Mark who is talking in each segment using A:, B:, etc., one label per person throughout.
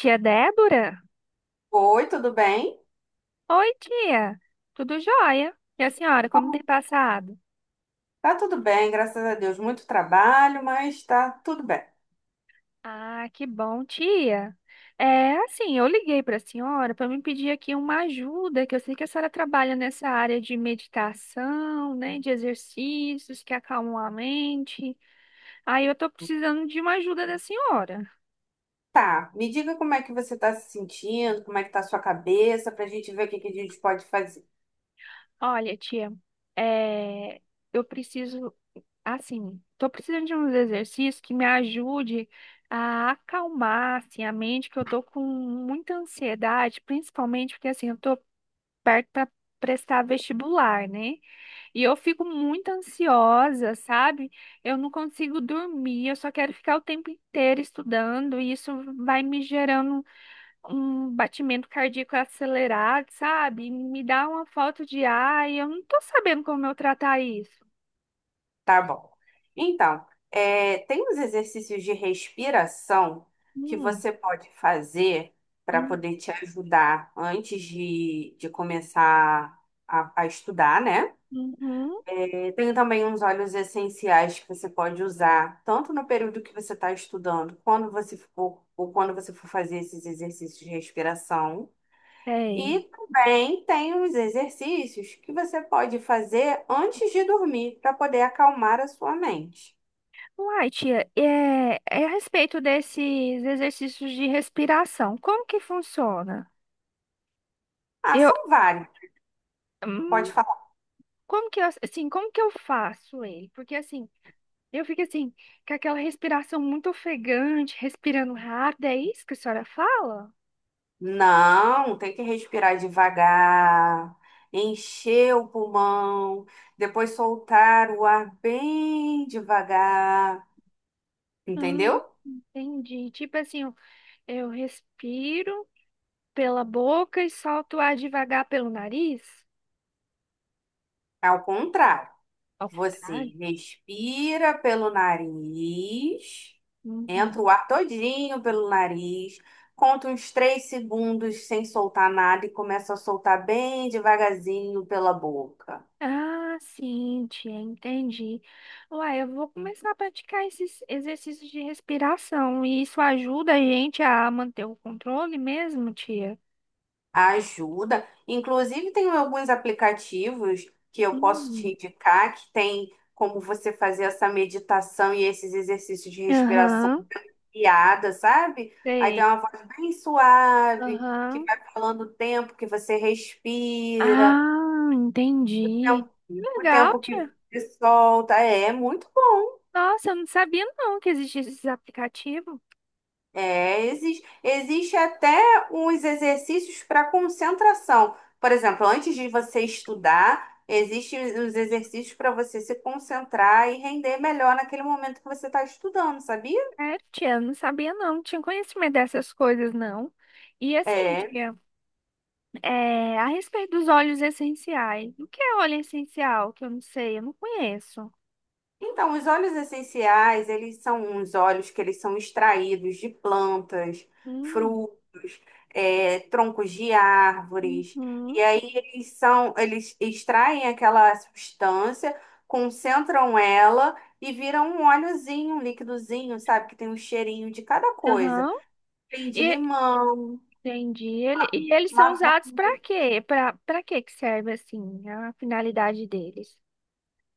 A: Tia Débora?
B: Oi, tudo bem?
A: Oi, tia. Tudo jóia? E a senhora, como tem
B: Como-
A: passado?
B: Tá tudo bem, graças a Deus. Muito trabalho, mas tá tudo bem.
A: Ah, que bom, tia. Assim, eu liguei para a senhora para me pedir aqui uma ajuda, que eu sei que a senhora trabalha nessa área de meditação, né, de exercícios que acalmam a mente. Aí eu tô precisando de uma ajuda da senhora.
B: Tá, me diga como é que você tá se sentindo, como é que tá a sua cabeça, pra gente ver o que que a gente pode fazer.
A: Olha, tia, é, eu preciso. Assim, tô precisando de uns exercícios que me ajude a acalmar, assim, a mente, que eu tô com muita ansiedade, principalmente porque, assim, eu tô perto para prestar vestibular, né? E eu fico muito ansiosa, sabe? Eu não consigo dormir, eu só quero ficar o tempo inteiro estudando, e isso vai me gerando um batimento cardíaco acelerado, sabe? Me dá uma falta de ar, e eu não tô sabendo como eu tratar isso.
B: Tá bom. Então, é, tem uns exercícios de respiração que
A: Hum,
B: você pode fazer para
A: hum,
B: poder te ajudar antes de começar a estudar, né?
A: uhum.
B: Tem também uns óleos essenciais que você pode usar, tanto no período que você está estudando, quando você for, ou quando você for fazer esses exercícios de respiração. E
A: Sei.
B: também tem os exercícios que você pode fazer antes de dormir, para poder acalmar a sua mente.
A: Uai, tia, é, é a respeito desses exercícios de respiração, como que funciona?
B: Ah,
A: Eu,
B: são vários. Pode
A: hum,
B: falar.
A: como que eu, assim, como que eu faço ele? Porque assim, eu fico assim, com aquela respiração muito ofegante, respirando rápido, é isso que a senhora fala?
B: Não, tem que respirar devagar, encher o pulmão, depois soltar o ar bem devagar,
A: Hum,
B: entendeu?
A: entendi. Tipo assim, eu respiro pela boca e solto o ar devagar pelo nariz?
B: É ao contrário.
A: Ao
B: Você
A: contrário?
B: respira pelo nariz, entra o ar todinho pelo nariz, conta uns três segundos sem soltar nada e começa a soltar bem devagarzinho pela boca.
A: Ah, sim, tia, entendi. Uai, eu vou começar a praticar esses exercícios de respiração e isso ajuda a gente a manter o controle mesmo, tia?
B: Ajuda. Inclusive, tem alguns aplicativos que eu posso te
A: Hum.
B: indicar que tem como você fazer essa meditação e esses exercícios de respiração
A: Aham,
B: piada, sabe? Aí tem
A: sei.
B: uma voz bem suave, que
A: Aham.
B: vai falando o tempo que você respira,
A: Ah,
B: o tempo
A: entendi. Que
B: o
A: legal,
B: tempo
A: tia.
B: que você solta. É, é muito bom.
A: Nossa, eu não sabia não que existia esses aplicativos.
B: É, existe, existe até uns exercícios para concentração. Por exemplo, antes de você estudar, existem os exercícios para você se concentrar e render melhor naquele momento que você está estudando, sabia?
A: É, tia, eu não sabia não, não tinha conhecimento dessas coisas não. E assim,
B: É.
A: tia. É, a respeito dos óleos essenciais. O que é óleo essencial? Que eu não sei, eu não conheço.
B: Então, os óleos essenciais, eles são uns óleos que eles são extraídos de plantas,
A: Hum.
B: frutos, troncos de árvores. E
A: Uhum.
B: aí eles são, eles extraem aquela substância, concentram ela e viram um óleozinho, um líquidozinho, sabe? Que tem um cheirinho de cada coisa.
A: Aham.
B: Tem de
A: E
B: limão.
A: entendi. Ele, e eles são usados para quê? Para que que serve assim? A finalidade deles?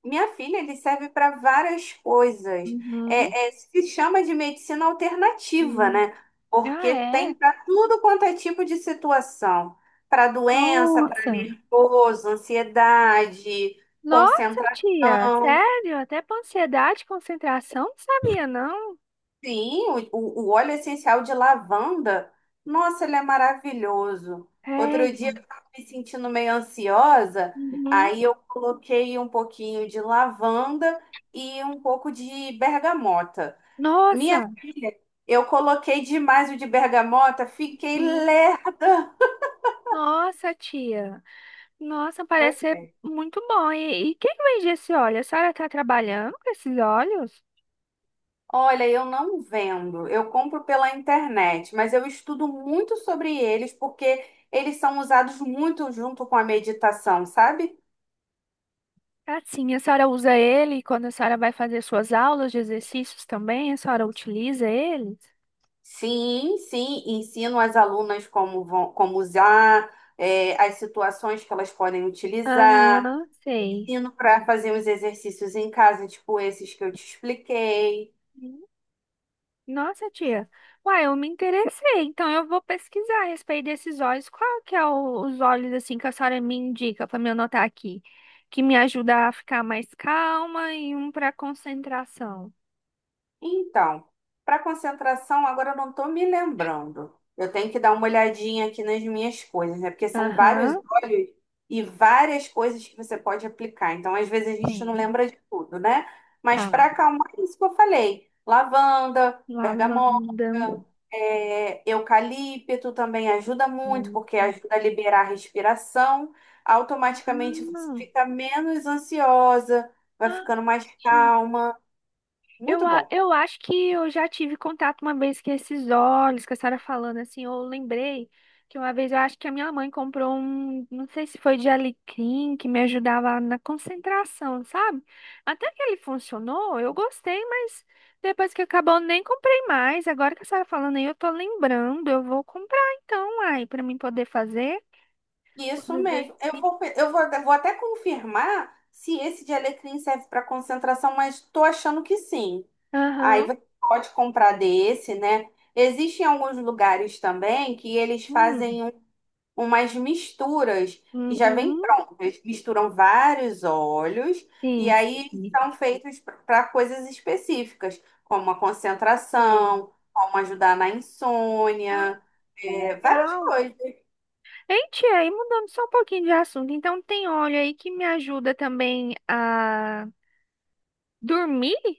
B: Minha filha, ele serve para várias coisas.
A: Uhum.
B: Se chama de medicina alternativa,
A: Hum.
B: né? Porque
A: Ah,
B: tem
A: é.
B: para tudo quanto é tipo de situação. Para doença, para
A: Nossa.
B: nervoso, ansiedade,
A: Nossa, tia,
B: concentração.
A: sério? Até para ansiedade, concentração, não sabia não.
B: Sim, o óleo essencial de lavanda, nossa, ele é maravilhoso. Outro dia
A: Sério.
B: eu estava me sentindo meio ansiosa,
A: Uhum.
B: aí eu coloquei um pouquinho de lavanda e um pouco de bergamota. Minha
A: Nossa.
B: filha, eu coloquei demais o de bergamota, fiquei
A: Uhum.
B: lerda.
A: Nossa, tia. Nossa,
B: Pois
A: parece ser
B: é.
A: muito bom. E quem vende esse óleo? A senhora está trabalhando com esses óleos?
B: Olha, eu não vendo, eu compro pela internet, mas eu estudo muito sobre eles porque eles são usados muito junto com a meditação, sabe?
A: Assim, a senhora usa ele quando a senhora vai fazer suas aulas de exercícios também? A senhora utiliza eles?
B: Sim, sim, ensino as alunas como vão, como usar, é, as situações que elas podem utilizar,
A: Aham, sei.
B: ensino para fazer os exercícios em casa, tipo esses que eu te expliquei.
A: Hum. Nossa, tia. Uai, eu me interessei. Então eu vou pesquisar a respeito desses óleos. Qual que é o- os óleos assim que a senhora me indica para me anotar aqui? Que me ajuda a ficar mais calma e um para concentração.
B: Então, para concentração, agora eu não estou me lembrando. Eu tenho que dar uma olhadinha aqui nas minhas coisas, né? Porque são vários
A: Aham,
B: olhos e várias coisas que você pode aplicar. Então, às vezes a gente não
A: sim.
B: lembra de tudo, né? Mas
A: Tá.
B: para acalmar, é isso que eu falei: lavanda, bergamota,
A: Lavanda.
B: é, eucalipto também ajuda muito, porque
A: Nossa.
B: ajuda a liberar a respiração.
A: Ah.
B: Automaticamente você fica menos ansiosa, vai
A: Ah,
B: ficando mais
A: gente.
B: calma. Muito bom.
A: Eu acho que eu já tive contato uma vez com esses óleos que a senhora falando assim. Eu lembrei que uma vez eu acho que a minha mãe comprou um, não sei se foi de alecrim, que me ajudava na concentração, sabe? Até que ele funcionou, eu gostei, mas depois que acabou, eu nem comprei mais. Agora que a senhora falando aí, eu tô lembrando, eu vou comprar então, aí, pra mim poder fazer os
B: Isso mesmo.
A: exercícios.
B: Eu vou até confirmar se esse de alecrim serve para concentração, mas estou achando que sim. Aí
A: Aham.
B: você pode comprar desse, né? Existem alguns lugares também que eles
A: Hum.
B: fazem umas misturas que já vêm
A: Uhum.
B: prontas. Eles misturam vários óleos e
A: Sim,
B: aí
A: sim.
B: são feitos para coisas específicas, como a
A: Sei.
B: concentração, como ajudar na
A: Ah,
B: insônia,
A: que
B: é, várias
A: legal.
B: coisas.
A: Hein, tia, aí mudando só um pouquinho de assunto, então tem óleo aí que me ajuda também a dormir?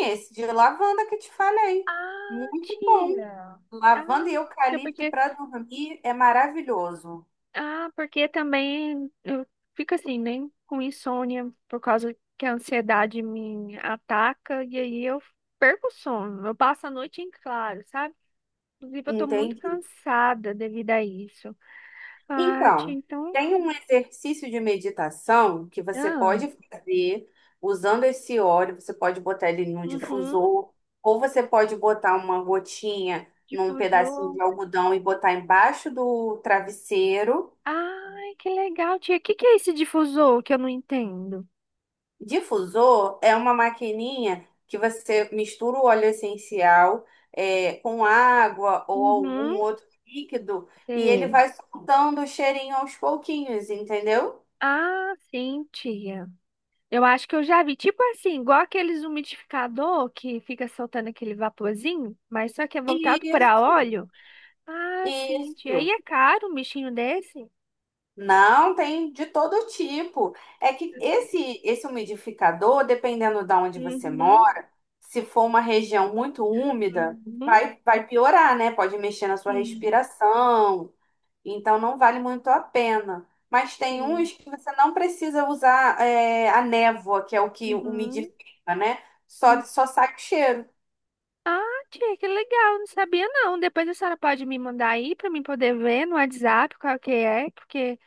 B: Esse de lavanda que te falei.
A: Ah,
B: Muito bom.
A: tia. Ah,
B: Lavanda e
A: não, tia,
B: eucalipto
A: porque
B: para dormir é maravilhoso.
A: ah, porque também eu fico assim, né, com insônia por causa que a ansiedade me ataca e aí eu perco o sono. Eu passo a noite em claro, sabe? Inclusive, eu tô muito
B: Entendi.
A: cansada devido a isso. Ah, tia,
B: Então,
A: então
B: tem um exercício de meditação que você
A: ah.
B: pode fazer usando esse óleo. Você pode botar ele num
A: Uhum.
B: difusor, ou você pode botar uma gotinha num pedacinho
A: Difusor.
B: de algodão e botar embaixo do travesseiro.
A: Ai, que legal, tia. O que que é esse difusor que eu não entendo?
B: Difusor é uma maquininha que você mistura o óleo essencial, é, com água ou algum
A: Uhum.
B: outro líquido e ele
A: Sei.
B: vai soltando o cheirinho aos pouquinhos, entendeu?
A: Ah, sim, tia. Eu acho que eu já vi. Tipo assim, igual aqueles umidificador que fica soltando aquele vaporzinho, mas só que é voltado para
B: Isso,
A: óleo. Ah, sim, tia. E
B: isso.
A: é caro um bichinho desse?
B: Não, tem de todo tipo. É que esse umidificador, dependendo de onde você
A: Uhum.
B: mora, se for uma região muito úmida,
A: Uhum.
B: vai piorar, né? Pode mexer na sua
A: Sim,
B: respiração. Então não vale muito a pena. Mas tem
A: sim.
B: uns que você não precisa usar, é, a névoa, que é o que umidifica, né? Só,
A: Uhum.
B: só sai o cheiro.
A: Ah, tia, que legal, não sabia não. Depois a senhora pode me mandar aí pra mim poder ver no WhatsApp qual que é, porque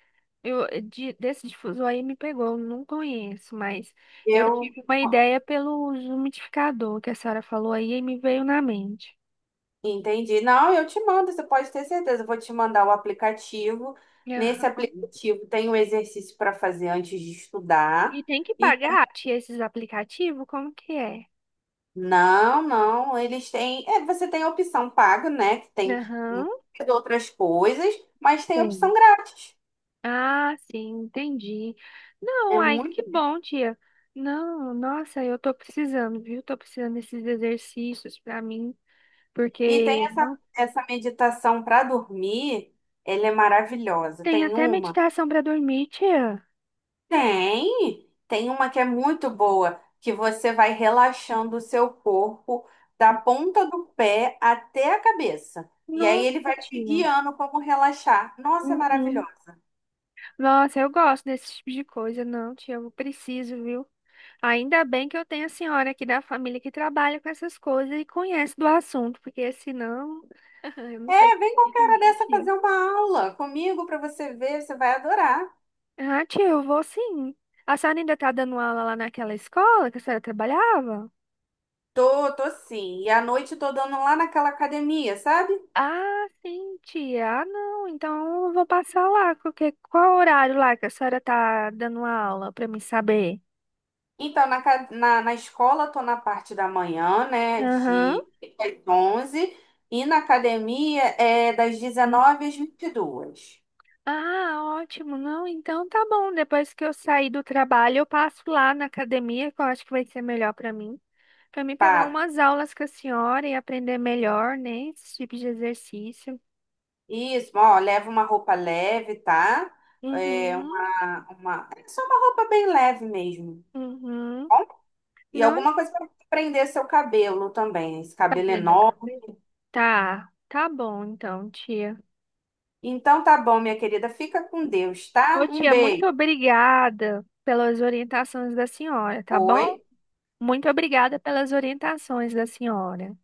A: desse difusor aí me pegou, eu não conheço, mas eu
B: Eu
A: tive uma ideia pelo umidificador que a senhora falou aí e me veio na mente.
B: entendi. Não, eu te mando, você pode ter certeza. Eu vou te mandar o aplicativo. Nesse
A: Aham.
B: aplicativo tem o exercício para fazer antes de estudar.
A: E tem que
B: E
A: pagar, tia, esses aplicativos? Como que é?
B: não, eles têm, é, você tem a opção paga, né? Que tem
A: Aham.
B: muitas outras coisas, mas tem a
A: Tem.
B: opção grátis.
A: Ah, sim, entendi.
B: É.
A: Não, ai, que bom, tia. Não, nossa, eu tô precisando, viu? Tô precisando desses exercícios pra mim,
B: E tem
A: porque
B: essa,
A: não
B: essa meditação para dormir, ela é maravilhosa.
A: tem
B: Tem
A: até
B: uma?
A: meditação pra dormir, tia.
B: Tem! Tem uma que é muito boa, que você vai relaxando o seu corpo da ponta do pé até a cabeça. E aí ele
A: Nossa,
B: vai te
A: tia.
B: guiando como relaxar. Nossa, é
A: Uhum.
B: maravilhosa.
A: Nossa, eu gosto desse tipo de coisa, não, tia, eu preciso, viu? Ainda bem que eu tenho a senhora aqui da família que trabalha com essas coisas e conhece do assunto, porque senão, eu não sei o
B: É,
A: que
B: vem
A: seria
B: qualquer
A: de
B: hora
A: mim,
B: dessa
A: tia.
B: fazer uma aula comigo para você ver, você vai adorar.
A: Ah, tia, eu vou sim. A senhora ainda tá dando aula lá naquela escola que a senhora trabalhava?
B: Tô, tô sim. E à noite eu tô dando lá naquela academia, sabe?
A: Ah, sim, tia. Ah, não. Então eu vou passar lá. Porque qual horário lá que a senhora tá dando aula pra mim saber?
B: Então, na escola, estou na parte da manhã, né,
A: Aham.
B: de das 11, e na academia é das
A: Hum.
B: 19 às 22.
A: Ah, ótimo. Não, então tá bom. Depois que eu sair do trabalho, eu passo lá na academia, que eu acho que vai ser melhor pra mim. Pra mim pegar
B: Tá.
A: umas aulas com a senhora e aprender melhor, né? Esse tipo de exercício.
B: Isso, ó, leva uma roupa leve, tá? É
A: Uhum,
B: É só uma roupa bem leve mesmo,
A: uhum.
B: tá bom? E
A: Não.
B: alguma coisa para prender seu cabelo também, esse
A: Tá
B: cabelo
A: prendendo o
B: enorme.
A: cabelo? Tá, tá bom então, tia.
B: Então, tá bom, minha querida, fica com Deus,
A: Ô,
B: tá? Um
A: tia, muito
B: beijo.
A: obrigada pelas orientações da senhora, tá
B: Oi?
A: bom? Muito obrigada pelas orientações da senhora.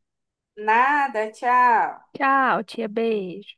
B: Nada, tchau.
A: Tchau, tia, beijo.